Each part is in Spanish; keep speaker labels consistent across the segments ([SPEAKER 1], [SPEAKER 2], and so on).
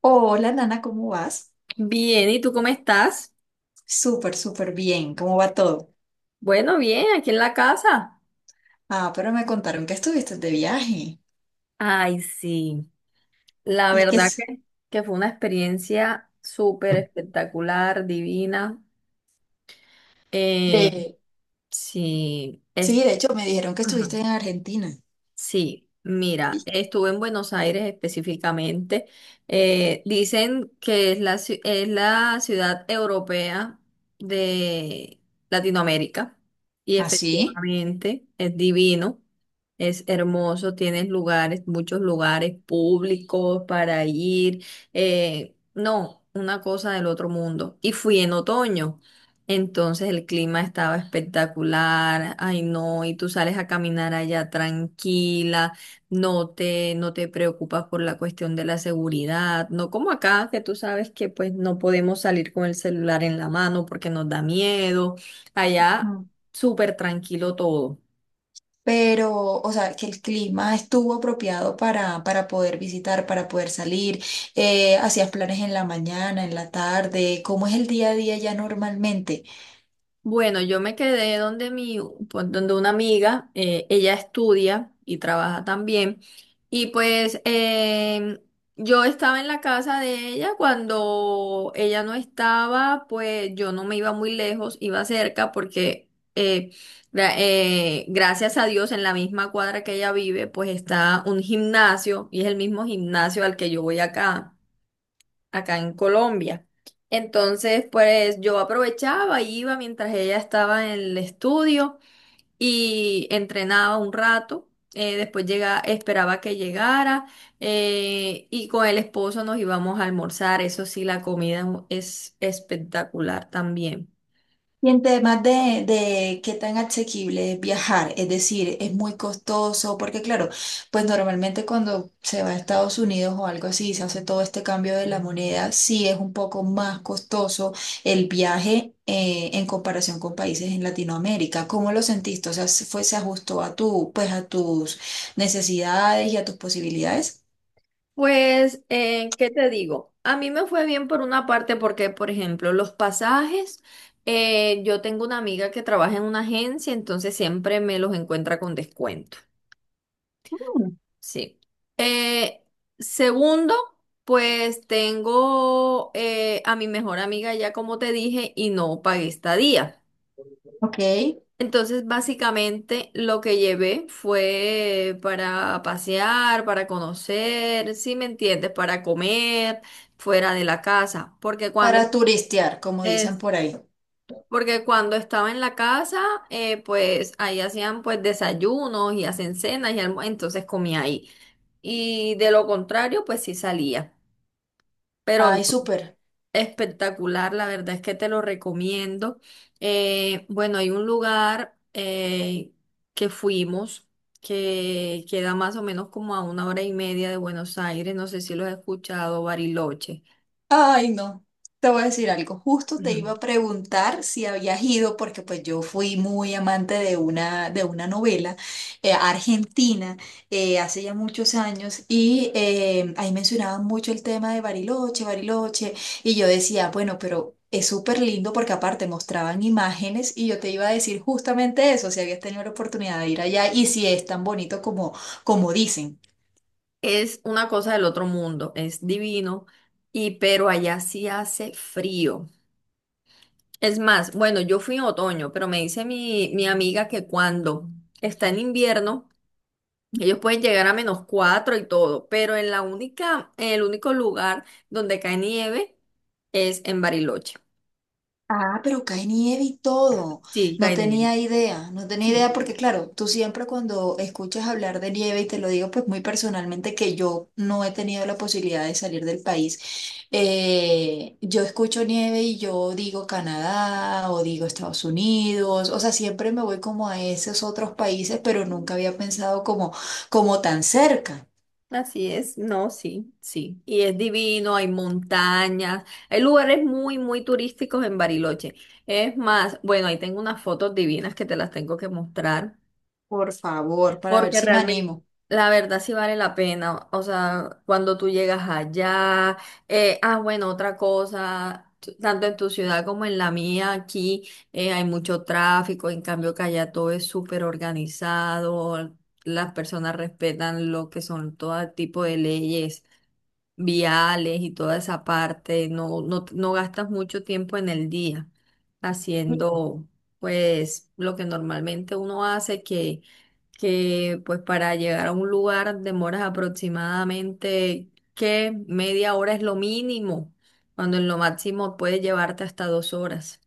[SPEAKER 1] Hola, Nana, ¿cómo vas?
[SPEAKER 2] Bien, ¿y tú cómo estás?
[SPEAKER 1] Súper bien. ¿Cómo va todo?
[SPEAKER 2] Bueno, bien, aquí en la casa.
[SPEAKER 1] Ah, pero me contaron que estuviste de viaje
[SPEAKER 2] Ay, sí. La
[SPEAKER 1] y que
[SPEAKER 2] verdad
[SPEAKER 1] es
[SPEAKER 2] que, que fue una experiencia súper espectacular, divina. Eh,
[SPEAKER 1] de...
[SPEAKER 2] sí, es,
[SPEAKER 1] Sí, de hecho me dijeron que
[SPEAKER 2] ajá.
[SPEAKER 1] estuviste en Argentina.
[SPEAKER 2] Sí, mira,
[SPEAKER 1] ¿Y?
[SPEAKER 2] estuve en Buenos Aires específicamente. Dicen que es es la ciudad europea de Latinoamérica y
[SPEAKER 1] ¿Ah, sí?
[SPEAKER 2] efectivamente es divino, es hermoso, tienes lugares, muchos lugares públicos para ir. No, una cosa del otro mundo. Y fui en otoño. Entonces el clima estaba espectacular, ay no, y tú sales a caminar allá tranquila, no te preocupas por la cuestión de la seguridad, no como acá que tú sabes que pues no podemos salir con el celular en la mano porque nos da miedo, allá
[SPEAKER 1] Mm.
[SPEAKER 2] súper tranquilo todo.
[SPEAKER 1] Pero, o sea, que el clima estuvo apropiado para poder visitar, para poder salir. ¿Hacías planes en la mañana, en la tarde? ¿Cómo es el día a día ya normalmente?
[SPEAKER 2] Bueno, yo me quedé donde mi, pues, donde una amiga, ella estudia y trabaja también. Y pues yo estaba en la casa de ella cuando ella no estaba, pues yo no me iba muy lejos, iba cerca porque eh, gracias a Dios en la misma cuadra que ella vive, pues está un gimnasio y es el mismo gimnasio al que yo voy acá en Colombia. Entonces, pues yo aprovechaba, iba mientras ella estaba en el estudio y entrenaba un rato. Después llega, esperaba que llegara y con el esposo nos íbamos a almorzar. Eso sí, la comida es espectacular también.
[SPEAKER 1] Y en temas de qué tan asequible es viajar, es decir, es muy costoso, porque claro, pues normalmente cuando se va a Estados Unidos o algo así, se hace todo este cambio de la moneda, sí es un poco más costoso el viaje en comparación con países en Latinoamérica. ¿Cómo lo sentiste? O sea, ¿se ¿fue, se ajustó a tu, pues a tus necesidades y a tus posibilidades?
[SPEAKER 2] Pues, ¿qué te digo? A mí me fue bien por una parte porque, por ejemplo, los pasajes, yo tengo una amiga que trabaja en una agencia, entonces siempre me los encuentra con descuento.
[SPEAKER 1] Mm.
[SPEAKER 2] Sí. Eh, Segundo, pues tengo a mi mejor amiga ya como te dije y no pagué estadía.
[SPEAKER 1] Ok,
[SPEAKER 2] Entonces, básicamente lo que llevé fue para pasear, para conocer, si me entiendes, para comer fuera de la casa,
[SPEAKER 1] para turistear, como dicen
[SPEAKER 2] es
[SPEAKER 1] por ahí.
[SPEAKER 2] porque cuando estaba en la casa, pues ahí hacían pues desayunos y hacen cenas y entonces comía ahí. Y de lo contrario, pues sí salía. Pero no,
[SPEAKER 1] Ay, súper.
[SPEAKER 2] espectacular, la verdad es que te lo recomiendo. Bueno, hay un lugar que fuimos que queda más o menos como a 1 hora y media de Buenos Aires, no sé si lo has escuchado, Bariloche.
[SPEAKER 1] Ay, no. Te voy a decir algo. Justo te iba
[SPEAKER 2] Ujú.
[SPEAKER 1] a preguntar si habías ido, porque pues yo fui muy amante de una novela argentina, hace ya muchos años y ahí mencionaban mucho el tema de Bariloche, Bariloche, y yo decía, bueno, pero es súper lindo porque aparte mostraban imágenes y yo te iba a decir justamente eso, si habías tenido la oportunidad de ir allá y si es tan bonito como, como dicen.
[SPEAKER 2] Es una cosa del otro mundo, es divino, y pero allá sí hace frío. Es más, bueno, yo fui en otoño, pero me dice mi amiga que cuando está en invierno, ellos pueden llegar a -4 y todo, pero en el único lugar donde cae nieve es en Bariloche.
[SPEAKER 1] Ah, pero cae nieve y todo.
[SPEAKER 2] Sí,
[SPEAKER 1] No
[SPEAKER 2] cae nieve.
[SPEAKER 1] tenía idea, no tenía
[SPEAKER 2] Sí.
[SPEAKER 1] idea porque claro, tú siempre cuando escuchas hablar de nieve, y te lo digo pues muy personalmente que yo no he tenido la posibilidad de salir del país, yo escucho nieve y yo digo Canadá o digo Estados Unidos, o sea, siempre me voy como a esos otros países, pero nunca había pensado como, como tan cerca.
[SPEAKER 2] Así es, no, sí, sí. Y es divino, hay montañas, hay lugares muy, muy turísticos en Bariloche. Es más, bueno, ahí tengo unas fotos divinas que te las tengo que mostrar,
[SPEAKER 1] Por favor, para ver
[SPEAKER 2] porque
[SPEAKER 1] si me
[SPEAKER 2] realmente,
[SPEAKER 1] animo.
[SPEAKER 2] la verdad sí vale la pena. O sea, cuando tú llegas allá, bueno, otra cosa, tanto en tu ciudad como en la mía, aquí hay mucho tráfico, en cambio que allá todo es súper organizado. Las personas respetan lo que son todo tipo de leyes viales y toda esa parte, no gastas mucho tiempo en el día haciendo pues lo que normalmente uno hace, que pues para llegar a un lugar demoras aproximadamente que 1/2 hora es lo mínimo, cuando en lo máximo puede llevarte hasta 2 horas.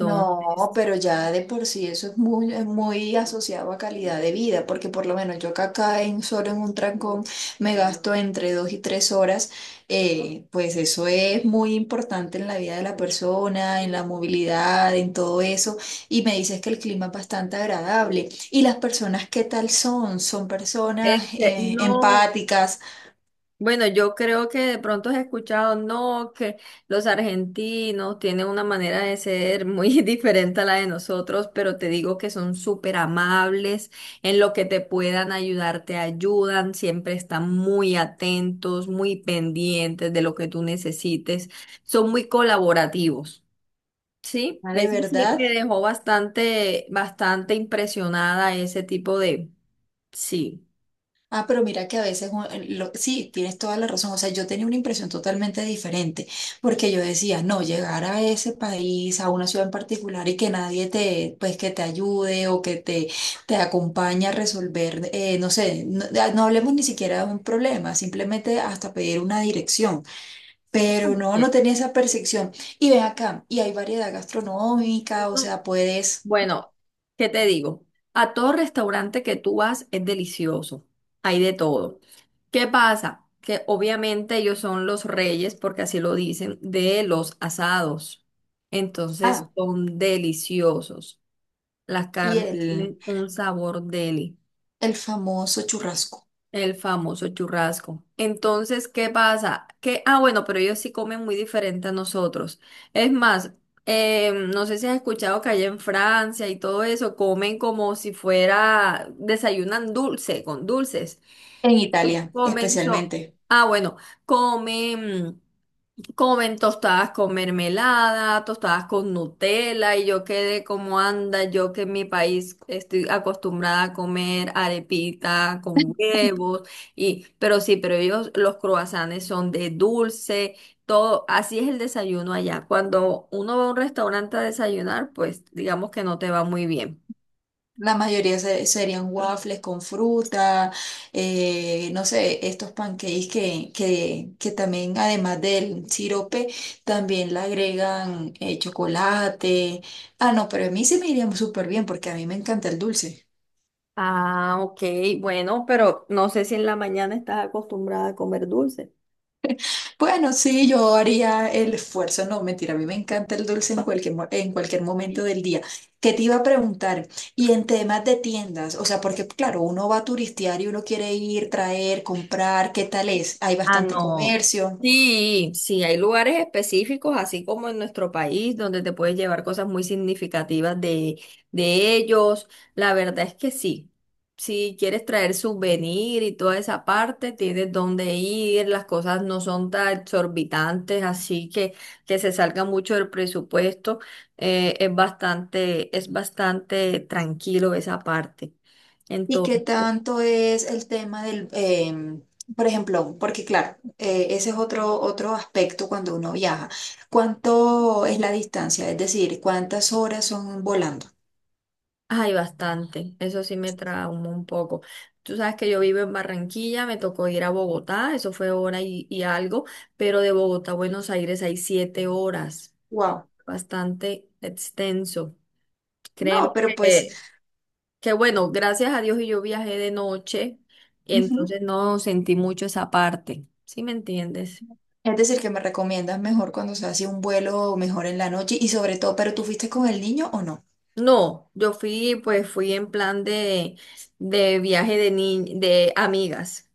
[SPEAKER 1] No, pero ya de por sí eso es muy asociado a calidad de vida, porque por lo menos yo que acá en solo en un trancón me gasto entre dos y tres horas, pues eso es muy importante en la vida de la persona, en la movilidad, en todo eso. Y me dices que el clima es bastante agradable. ¿Y las personas qué tal son? ¿Son personas,
[SPEAKER 2] no.
[SPEAKER 1] empáticas?
[SPEAKER 2] Bueno, yo creo que de pronto has escuchado, no, que los argentinos tienen una manera de ser muy diferente a la de nosotros, pero te digo que son súper amables, en lo que te puedan ayudar, te ayudan, siempre están muy atentos, muy pendientes de lo que tú necesites, son muy colaborativos. Sí,
[SPEAKER 1] Ah, ¿de
[SPEAKER 2] eso sí
[SPEAKER 1] verdad?
[SPEAKER 2] me dejó bastante, bastante impresionada ese tipo de, sí.
[SPEAKER 1] Ah, pero mira que a veces, sí, tienes toda la razón. O sea, yo tenía una impresión totalmente diferente, porque yo decía, no, llegar a ese país, a una ciudad en particular y que nadie te, pues, que te ayude o que te acompañe a resolver, no sé, no, ah, no hablemos ni siquiera de un problema, simplemente hasta pedir una dirección. Pero no, no
[SPEAKER 2] Bien.
[SPEAKER 1] tenía esa percepción. Y ven acá, y hay variedad gastronómica, o sea, puedes...
[SPEAKER 2] Bueno, ¿qué te digo? A todo restaurante que tú vas es delicioso, hay de todo. ¿Qué pasa? Que obviamente ellos son los reyes, porque así lo dicen, de los asados. Entonces
[SPEAKER 1] Ah,
[SPEAKER 2] son deliciosos. Las
[SPEAKER 1] y
[SPEAKER 2] carnes tienen un sabor deli.
[SPEAKER 1] el famoso churrasco
[SPEAKER 2] El famoso churrasco. Entonces, ¿qué pasa? Que, ah, bueno, pero ellos sí comen muy diferente a nosotros. Es más, no sé si has escuchado que allá en Francia y todo eso comen como si fuera, desayunan dulce, con dulces.
[SPEAKER 1] en Italia,
[SPEAKER 2] Comen, so-
[SPEAKER 1] especialmente.
[SPEAKER 2] ah, bueno, comen. Comen tostadas con mermelada, tostadas con Nutella, y yo quedé como anda, yo que en mi país estoy acostumbrada a comer arepita con huevos, y, pero sí, pero ellos, los croissants son de dulce, todo, así es el desayuno allá. Cuando uno va a un restaurante a desayunar, pues digamos que no te va muy bien.
[SPEAKER 1] La mayoría serían waffles con fruta, no sé, estos pancakes que también, además del sirope, también le agregan chocolate. Ah, no, pero a mí sí me iría súper bien porque a mí me encanta el dulce.
[SPEAKER 2] Ah, ok, bueno, pero no sé si en la mañana estás acostumbrada a comer dulce.
[SPEAKER 1] Bueno, sí, yo haría el esfuerzo, no, mentira, a mí me encanta el dulce en cualquier, en cualquier momento del día. ¿Qué te iba a preguntar? Y en temas de tiendas, o sea, porque claro, uno va a turistear y uno quiere ir, traer, comprar, ¿qué tal es? Hay
[SPEAKER 2] Ah,
[SPEAKER 1] bastante
[SPEAKER 2] no.
[SPEAKER 1] comercio.
[SPEAKER 2] Sí, sí, hay lugares específicos, así como en nuestro país, donde te puedes llevar cosas muy significativas de ellos. La verdad es que sí. Si quieres traer souvenir y toda esa parte, tienes dónde ir, las cosas no son tan exorbitantes, así que se salga mucho del presupuesto. Es bastante tranquilo esa parte.
[SPEAKER 1] ¿Y qué tanto es el tema del, por ejemplo, porque claro, ese es otro, otro aspecto cuando uno viaja? ¿Cuánto es la distancia? Es decir, ¿cuántas horas son volando?
[SPEAKER 2] Ay, bastante. Eso sí me traumó un poco. Tú sabes que yo vivo en Barranquilla, me tocó ir a Bogotá, eso fue hora y algo, pero de Bogotá a Buenos Aires hay 7 horas.
[SPEAKER 1] Wow.
[SPEAKER 2] Bastante extenso. Créeme
[SPEAKER 1] No, pero pues...
[SPEAKER 2] que bueno, gracias a Dios y yo viajé de noche, y
[SPEAKER 1] Ujú.
[SPEAKER 2] entonces no sentí mucho esa parte. ¿Sí me entiendes?
[SPEAKER 1] Es decir, que me recomiendas mejor cuando se hace un vuelo, mejor en la noche y sobre todo, ¿pero tú fuiste con el niño o no?
[SPEAKER 2] No, yo fui, pues fui en plan de viaje de de amigas.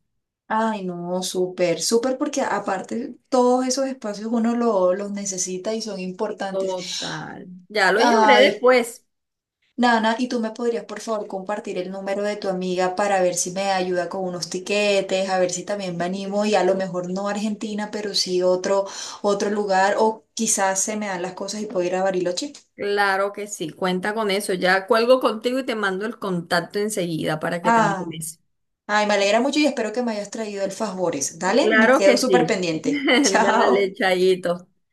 [SPEAKER 1] Ay, no, súper, súper, porque aparte todos esos espacios uno los necesita y son importantes.
[SPEAKER 2] Total. Ya lo llevaré
[SPEAKER 1] Ay,
[SPEAKER 2] después.
[SPEAKER 1] Nana, ¿y tú me podrías por favor compartir el número de tu amiga para ver si me ayuda con unos tiquetes, a ver si también me animo y a lo mejor no Argentina, pero sí otro, otro lugar o quizás se me dan las cosas y puedo ir a Bariloche?
[SPEAKER 2] Claro que sí, cuenta con eso. Ya cuelgo contigo y te mando el contacto enseguida para que te animes.
[SPEAKER 1] Ay, me alegra mucho y espero que me hayas traído el favores. Dale, me
[SPEAKER 2] Claro
[SPEAKER 1] quedo
[SPEAKER 2] que
[SPEAKER 1] súper
[SPEAKER 2] sí.
[SPEAKER 1] pendiente.
[SPEAKER 2] Dale,
[SPEAKER 1] Chao.
[SPEAKER 2] Chayito.